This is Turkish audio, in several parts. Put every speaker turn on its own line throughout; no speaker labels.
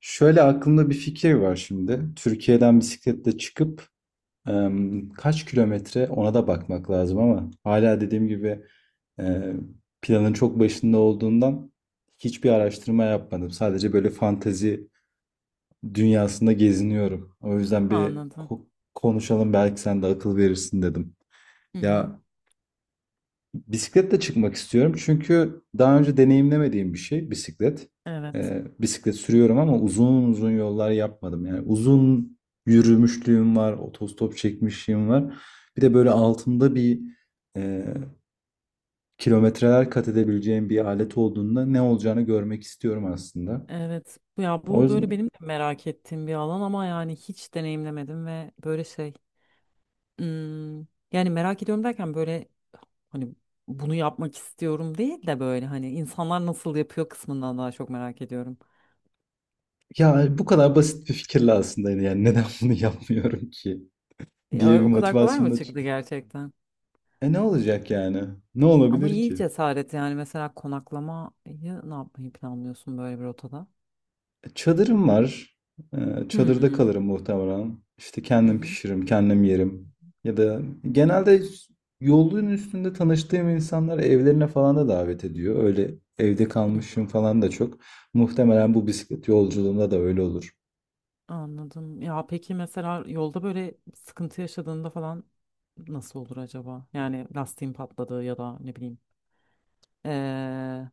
Şöyle aklımda bir fikir var şimdi. Türkiye'den bisikletle çıkıp kaç kilometre ona da bakmak lazım, ama hala dediğim gibi e, planın çok başında olduğundan hiçbir araştırma yapmadım. Sadece böyle fantezi dünyasında geziniyorum. O yüzden
Anladım.
konuşalım belki sen de akıl verirsin dedim.
Hı hı.
Ya, bisikletle çıkmak istiyorum çünkü daha önce deneyimlemediğim bir şey bisiklet.
Evet.
Bisiklet sürüyorum ama uzun uzun yollar yapmadım. Yani uzun yürümüşlüğüm var, otostop çekmişliğim var. Bir de böyle altında bir e, kilometreler kat edebileceğim bir alet olduğunda ne olacağını görmek istiyorum aslında.
Evet. Ya
O
bu böyle
yüzden
benim de merak ettiğim bir alan ama yani hiç deneyimlemedim ve böyle şey. hmm, Yani merak ediyorum derken böyle hani bunu yapmak istiyorum değil de böyle hani insanlar nasıl yapıyor kısmından daha çok merak ediyorum.
ya bu kadar basit bir fikirle aslında yani neden bunu yapmıyorum ki diye
Ya,
bir
o kadar kolay mı
motivasyonla
çıktı
çıkıyor.
gerçekten?
E ne olacak yani? Ne
Ama
olabilir
iyi
ki?
cesaret yani, mesela konaklamayı ne yapmayı planlıyorsun böyle bir rotada?
Çadırım var. Çadırda
Hmm.
kalırım muhtemelen. İşte kendim
Hı
pişiririm, kendim yerim. Ya da genelde yolun üstünde tanıştığım insanlar evlerine falan da davet ediyor. Öyle evde
hı.
kalmışım falan da çok. Muhtemelen bu bisiklet yolculuğunda da öyle olur.
Anladım. Ya peki mesela yolda böyle sıkıntı yaşadığında falan nasıl olur acaba? Yani lastiğin patladı ya da ne bileyim, eee,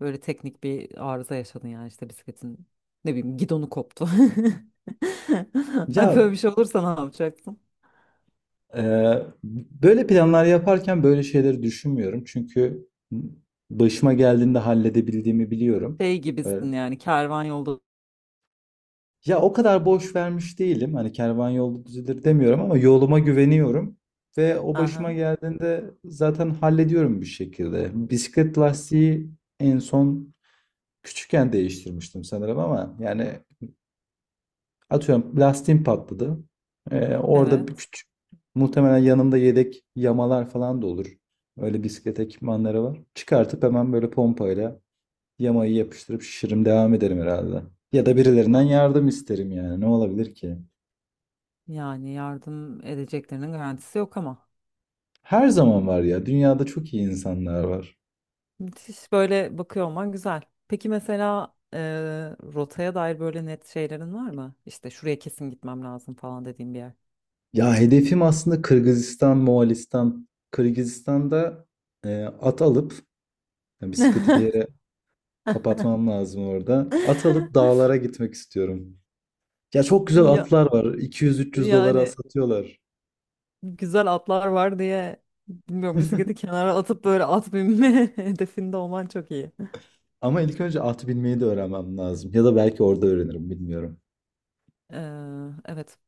böyle teknik bir arıza yaşadın yani işte bisikletin ne bileyim gidonu koptu. Ay,
Ya
böyle bir şey olursa ne yapacaksın?
e, böyle planlar yaparken böyle şeyleri düşünmüyorum. Çünkü başıma geldiğinde halledebildiğimi biliyorum.
Şey gibisin yani, kervan yolda.
Ya o kadar boş vermiş değilim. Hani kervan yolda düzelir demiyorum ama yoluma güveniyorum. Ve o başıma
Aha,
geldiğinde zaten hallediyorum bir şekilde. Bisiklet lastiği en son küçükken değiştirmiştim sanırım ama yani atıyorum lastiğim patladı. Orada bir
evet.
küçük muhtemelen yanımda yedek yamalar falan da olur. Öyle bisiklet ekipmanları var. Çıkartıp hemen böyle pompayla yamayı yapıştırıp şişirim, devam ederim herhalde. Ya da birilerinden
A-
yardım isterim. Yani ne olabilir ki?
Yani yardım edeceklerinin garantisi yok ama.
Her zaman var ya. Dünyada çok iyi insanlar var.
Müthiş böyle bakıyor olman güzel. Peki mesela, rotaya dair böyle net şeylerin var mı? İşte şuraya kesin gitmem lazım falan dediğim bir yer.
Ya hedefim aslında Kırgızistan, Moğolistan. Kırgızistan'da at alıp, yani bisikleti bir yere kapatmam lazım orada. At alıp dağlara gitmek istiyorum. Ya çok güzel
Ya,
atlar var. 200-300 dolara
yani
satıyorlar.
güzel atlar var diye bilmiyorum, bisikleti kenara atıp böyle at binme hedefinde olman çok iyi.
Ama ilk önce at binmeyi de öğrenmem lazım. Ya da belki orada öğrenirim, bilmiyorum.
Ee, evet.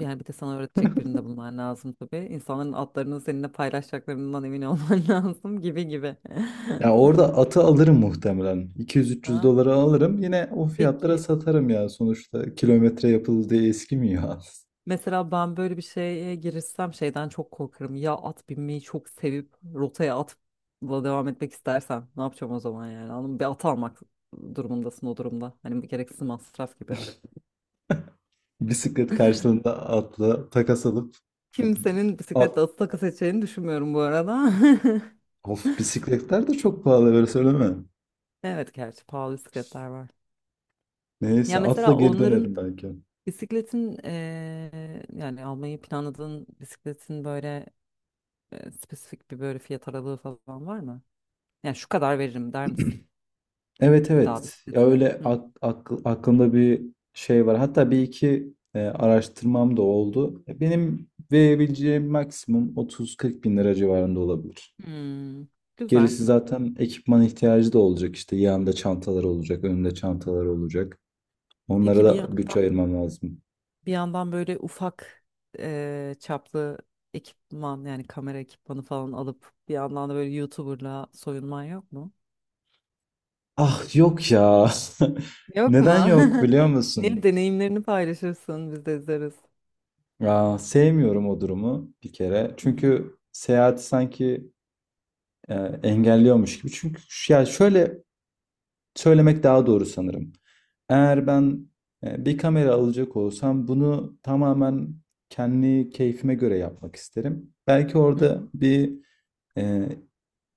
Yani bir de sana öğretecek birini de bulman lazım tabii. İnsanların atlarını seninle paylaşacaklarından emin olman lazım gibi gibi.
Ya orada atı alırım muhtemelen. 200-300
Ha,
dolara alırım. Yine o fiyatlara
peki.
satarım ya. Sonuçta kilometre yapıldı diye eskimiyor at.
Mesela ben böyle bir şeye girişsem şeyden çok korkarım. Ya at binmeyi çok sevip rotaya atla devam etmek istersen ne yapacağım o zaman yani? Anladın mı? Bir at almak durumundasın o durumda. Hani bu gereksiz masraf gibi.
Bisiklet karşılığında atla takas alıp
Kimsenin
at
bisikletle atı takı seçeceğini düşünmüyorum bu arada.
of, bisikletler de çok pahalı, böyle söyleme.
Evet, gerçi pahalı bisikletler var. Ya
Neyse atla
mesela
geri
onların
dönerim belki.
bisikletin, yani almayı planladığın bisikletin böyle spesifik bir böyle fiyat aralığı falan var mı? Yani şu kadar veririm der misin?
Evet,
Bir daha evet,
evet, ya
bisikletine.
öyle
Hı.
aklımda bir şey var. Hatta bir iki araştırmam da oldu. Benim verebileceğim maksimum 30-40 bin lira civarında olabilir.
Hmm, güzel.
Gerisi zaten ekipman ihtiyacı da olacak. İşte yanında çantalar olacak, önünde çantalar olacak. Onlara
Peki bir
da
yandan
bütçe ayırmam lazım.
bir yandan böyle ufak çaplı ekipman, yani kamera ekipmanı falan alıp bir yandan da böyle YouTuber'la soyunman yok mu?
Ah, yok ya.
Yok mu?
Neden yok biliyor
Niye,
musun?
deneyimlerini paylaşırsın biz de izleriz.
Ya, sevmiyorum o durumu bir kere.
Hı hı.
Çünkü seyahati sanki e, engelliyormuş gibi. Ya şöyle söylemek daha doğru sanırım. Eğer ben bir kamera alacak olsam bunu tamamen kendi keyfime göre yapmak isterim. Belki
Hı
orada
hı.
bir e,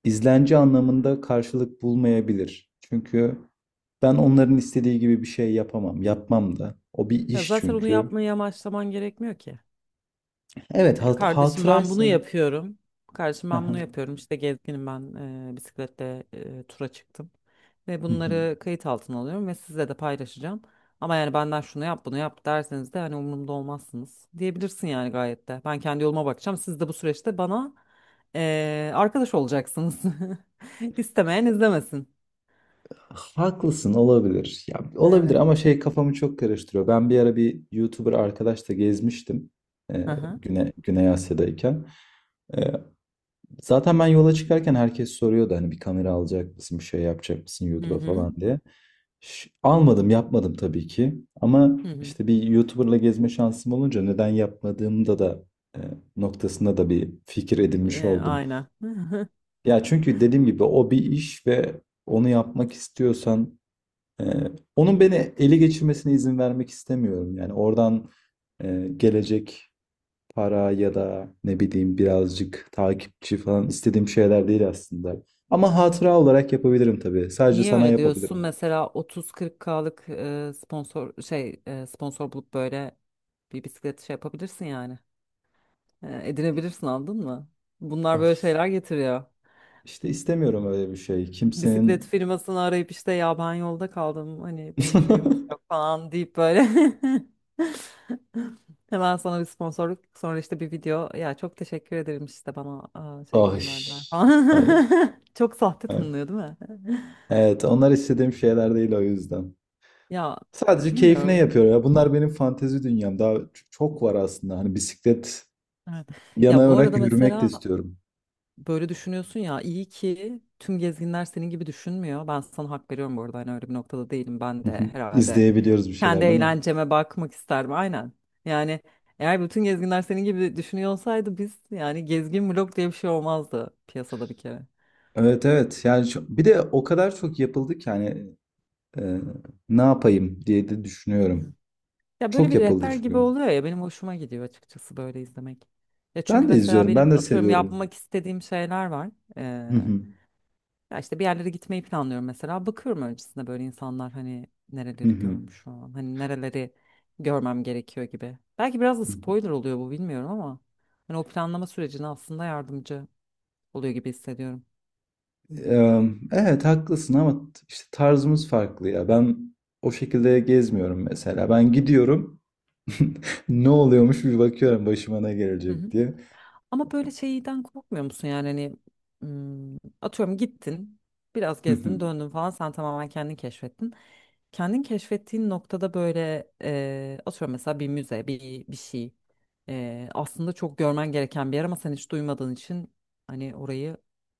izlenci anlamında karşılık bulmayabilir. Çünkü ben onların istediği gibi bir şey yapamam. Yapmam da. O bir
Ya
iş
zaten onu
çünkü.
yapmayı amaçlaman gerekmiyor ki.
Evet,
Kardeşim ben bunu
hatıraysa.
yapıyorum. Kardeşim ben bunu yapıyorum. İşte gezginim ben, bisikletle tura çıktım. Ve bunları kayıt altına alıyorum ve sizle de paylaşacağım. Ama yani benden şunu yap bunu yap derseniz de hani umurumda olmazsınız diyebilirsin yani, gayet de. Ben kendi yoluma bakacağım. Siz de bu süreçte bana arkadaş olacaksınız. İstemeyen izlemesin.
Haklısın, olabilir. Ya, olabilir
Evet.
ama şey kafamı çok karıştırıyor. Ben bir ara bir YouTuber arkadaşla gezmiştim. Ee,
Hı hı.
Güney Asya'dayken. Ee, Zaten ben yola çıkarken herkes soruyordu hani bir kamera alacak mısın, bir şey yapacak mısın
Hı
YouTube'a
hı.
falan diye. Almadım, yapmadım tabii ki. Ama
Hı hı.
işte bir YouTuber'la gezme şansım olunca neden yapmadığımda da e, noktasında da bir fikir edinmiş oldum.
Aynen.
Ya çünkü dediğim gibi o bir iş ve onu yapmak istiyorsan e, onun beni ele geçirmesine izin vermek istemiyorum. Yani oradan gelecek para ya da ne bileyim birazcık takipçi falan istediğim şeyler değil aslında. Ama hatıra olarak yapabilirim tabii. Sadece
Niye
sana
öyle diyorsun?
yapabilirim.
Mesela 30-40 binlik'lık sponsor şey sponsor bulup böyle bir bisiklet şey yapabilirsin yani. Edinebilirsin, anladın mı? Bunlar böyle
Of,
şeyler getiriyor.
işte istemiyorum öyle bir şey.
Bisiklet
Kimsenin...
firmasını arayıp işte, ya ben yolda kaldım, hani benim şuyum yok falan deyip böyle hemen sana bir sponsorluk, sonra işte bir video, ya çok teşekkür ederim işte, bana şey
Ay,
gönderdiler
ay,
falan. Çok sahte
ay.
tanınıyor değil mi?
Evet, onlar istediğim şeyler değil o yüzden.
Ya,
Sadece keyfine
bilmiyorum.
yapıyor ya. Bunlar benim fantezi dünyam. Daha çok var aslında. Hani bisiklet
Evet. Ya bu
yanarak
arada
yürümek de
mesela
istiyorum.
böyle düşünüyorsun ya, iyi ki tüm gezginler senin gibi düşünmüyor. Ben sana hak veriyorum bu arada, hani öyle bir noktada değilim. Ben
Hı
de
hı.
herhalde
İzleyebiliyoruz bir
kendi
şeyler değil mi?
eğlenceme bakmak isterim, aynen. Yani eğer bütün gezginler senin gibi düşünüyor olsaydı, biz yani gezgin blok diye bir şey olmazdı piyasada bir kere.
Evet, evet, yani bir de o kadar çok yapıldı ki hani Ee, ne yapayım diye de
Evet.
düşünüyorum.
Ya böyle
Çok
bir
yapıldı
rehber gibi
çünkü.
oluyor ya, benim hoşuma gidiyor açıkçası böyle izlemek. Ya çünkü
Ben de
mesela
izliyorum, ben
benim
de
atıyorum
seviyorum.
yapmak istediğim şeyler var.
Hı hı,
Ya işte bir yerlere gitmeyi planlıyorum mesela. Bakıyorum öncesinde böyle insanlar hani
hı
nereleri
hı.
görmüş şu an. Hani nereleri görmem gerekiyor gibi. Belki biraz da spoiler oluyor bu, bilmiyorum ama. Hani o planlama sürecine aslında yardımcı oluyor gibi hissediyorum.
Ee, Evet, haklısın ama işte tarzımız farklı ya. Ben o şekilde gezmiyorum mesela. Ben gidiyorum. Ne oluyormuş bir bakıyorum, başıma ne gelecek diye.
Ama böyle şeyden korkmuyor musun yani, hani hmm, atıyorum gittin biraz
Hı hı.
gezdin döndün falan, sen tamamen kendin keşfettin. Kendin keşfettiğin noktada böyle atıyorum mesela bir müze, bir şey aslında çok görmen gereken bir yer ama sen hiç duymadığın için hani orayı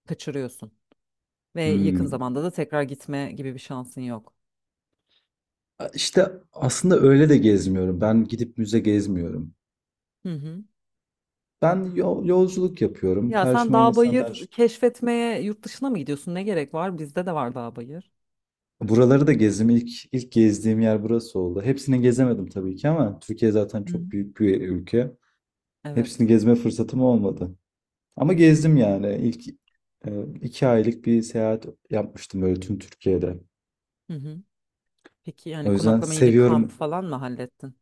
kaçırıyorsun. Ve yakın
Hmm.
zamanda da tekrar gitme gibi bir şansın yok.
İşte aslında öyle de gezmiyorum. Ben gidip müze gezmiyorum.
Hı hı.
Ben yolculuk yapıyorum.
Ya sen
Karşıma
dağ
insanlar
bayır keşfetmeye yurt dışına mı gidiyorsun? Ne gerek var? Bizde de var dağ bayır.
buraları da gezdim. İlk gezdiğim yer burası oldu. Hepsini gezemedim tabii ki ama Türkiye zaten
Hı. Hı.
çok büyük bir ülke. Hepsini
Evet.
gezme fırsatım olmadı. Ama
Hı hı.
gezdim yani. İlk e, iki aylık bir seyahat yapmıştım böyle tüm Türkiye'de.
Hı hı. Peki
O
yani
yüzden
konaklama yine kamp
seviyorum.
falan mı hallettin?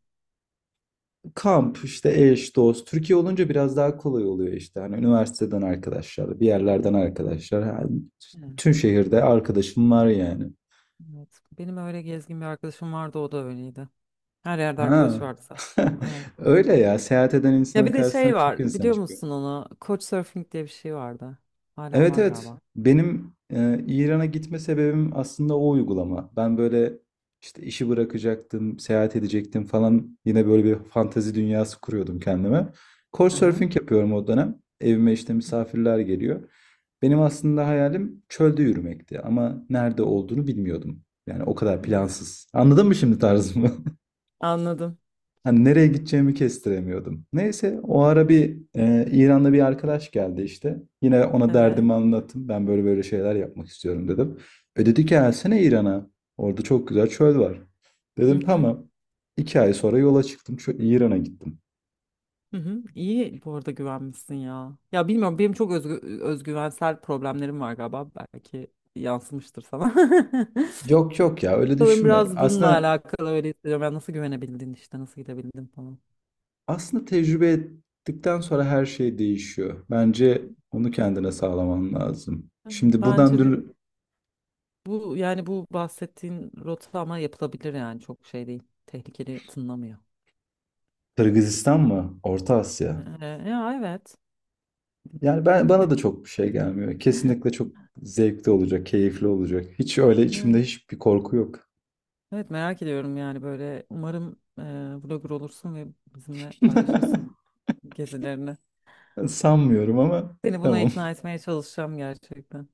Kamp, işte eş, dost. Türkiye olunca biraz daha kolay oluyor işte. Hani üniversiteden arkadaşlar, bir yerlerden arkadaşlar. Ha,
Evet.
tüm şehirde arkadaşım var yani.
Evet. Benim öyle gezgin bir arkadaşım vardı, o da öyleydi. Her yerde
Ha.
arkadaşı vardı zaten. Evet.
Öyle ya. Seyahat eden
Ya
insanın
bir de şey
karşısına çok
var,
insan
biliyor
çıkıyor.
musun onu? Couchsurfing diye bir şey vardı. Hala
Evet,
var
evet.
galiba.
Benim İran'a gitme sebebim aslında o uygulama. Ben böyle işte işi bırakacaktım, seyahat edecektim falan. Yine böyle bir fantezi dünyası kuruyordum kendime.
Aha.
Couchsurfing yapıyorum o dönem. Evime işte
Hı
misafirler geliyor. Benim aslında hayalim çölde yürümekti ama nerede olduğunu bilmiyordum. Yani o kadar
hı.
plansız. Anladın mı şimdi tarzımı?
Anladım.
Hani nereye gideceğimi kestiremiyordum. Neyse o ara bir İran'da bir arkadaş geldi işte. Yine ona
Evet.
derdimi anlattım. Ben böyle böyle şeyler yapmak istiyorum dedim. E dedi ki gelsene İran'a. Orada çok güzel çöl var.
Hı
Dedim
hı.
tamam. İki ay sonra yola çıktım. Şu İran'a gittim.
Hı hı. İyi bu arada, güvenmişsin ya. Ya bilmiyorum, benim çok özgüvensel problemlerim var galiba. Belki yansımıştır sana.
Yok, yok ya, öyle
Sanırım
düşünme.
biraz bununla alakalı öyle hissediyorum. Yani nasıl güvenebildin, işte nasıl gidebildin falan.
Aslında tecrübe ettikten sonra her şey değişiyor. Bence onu kendine sağlaman lazım. Şimdi buradan
Bence
dur
bu yani, bu bahsettiğin rota ama yapılabilir yani, çok şey değil. Tehlikeli tınlamıyor.
Kırgızistan mı? Orta Asya.
Ya evet.
Yani ben, bana da çok bir şey gelmiyor. Kesinlikle çok zevkli olacak, keyifli olacak. Hiç öyle içimde
Ne?
hiçbir korku yok.
Evet, merak ediyorum yani, böyle umarım vlogger olursun ve bizimle paylaşırsın gezilerini.
Sanmıyorum ama
Seni buna
tamam.
ikna etmeye çalışacağım gerçekten.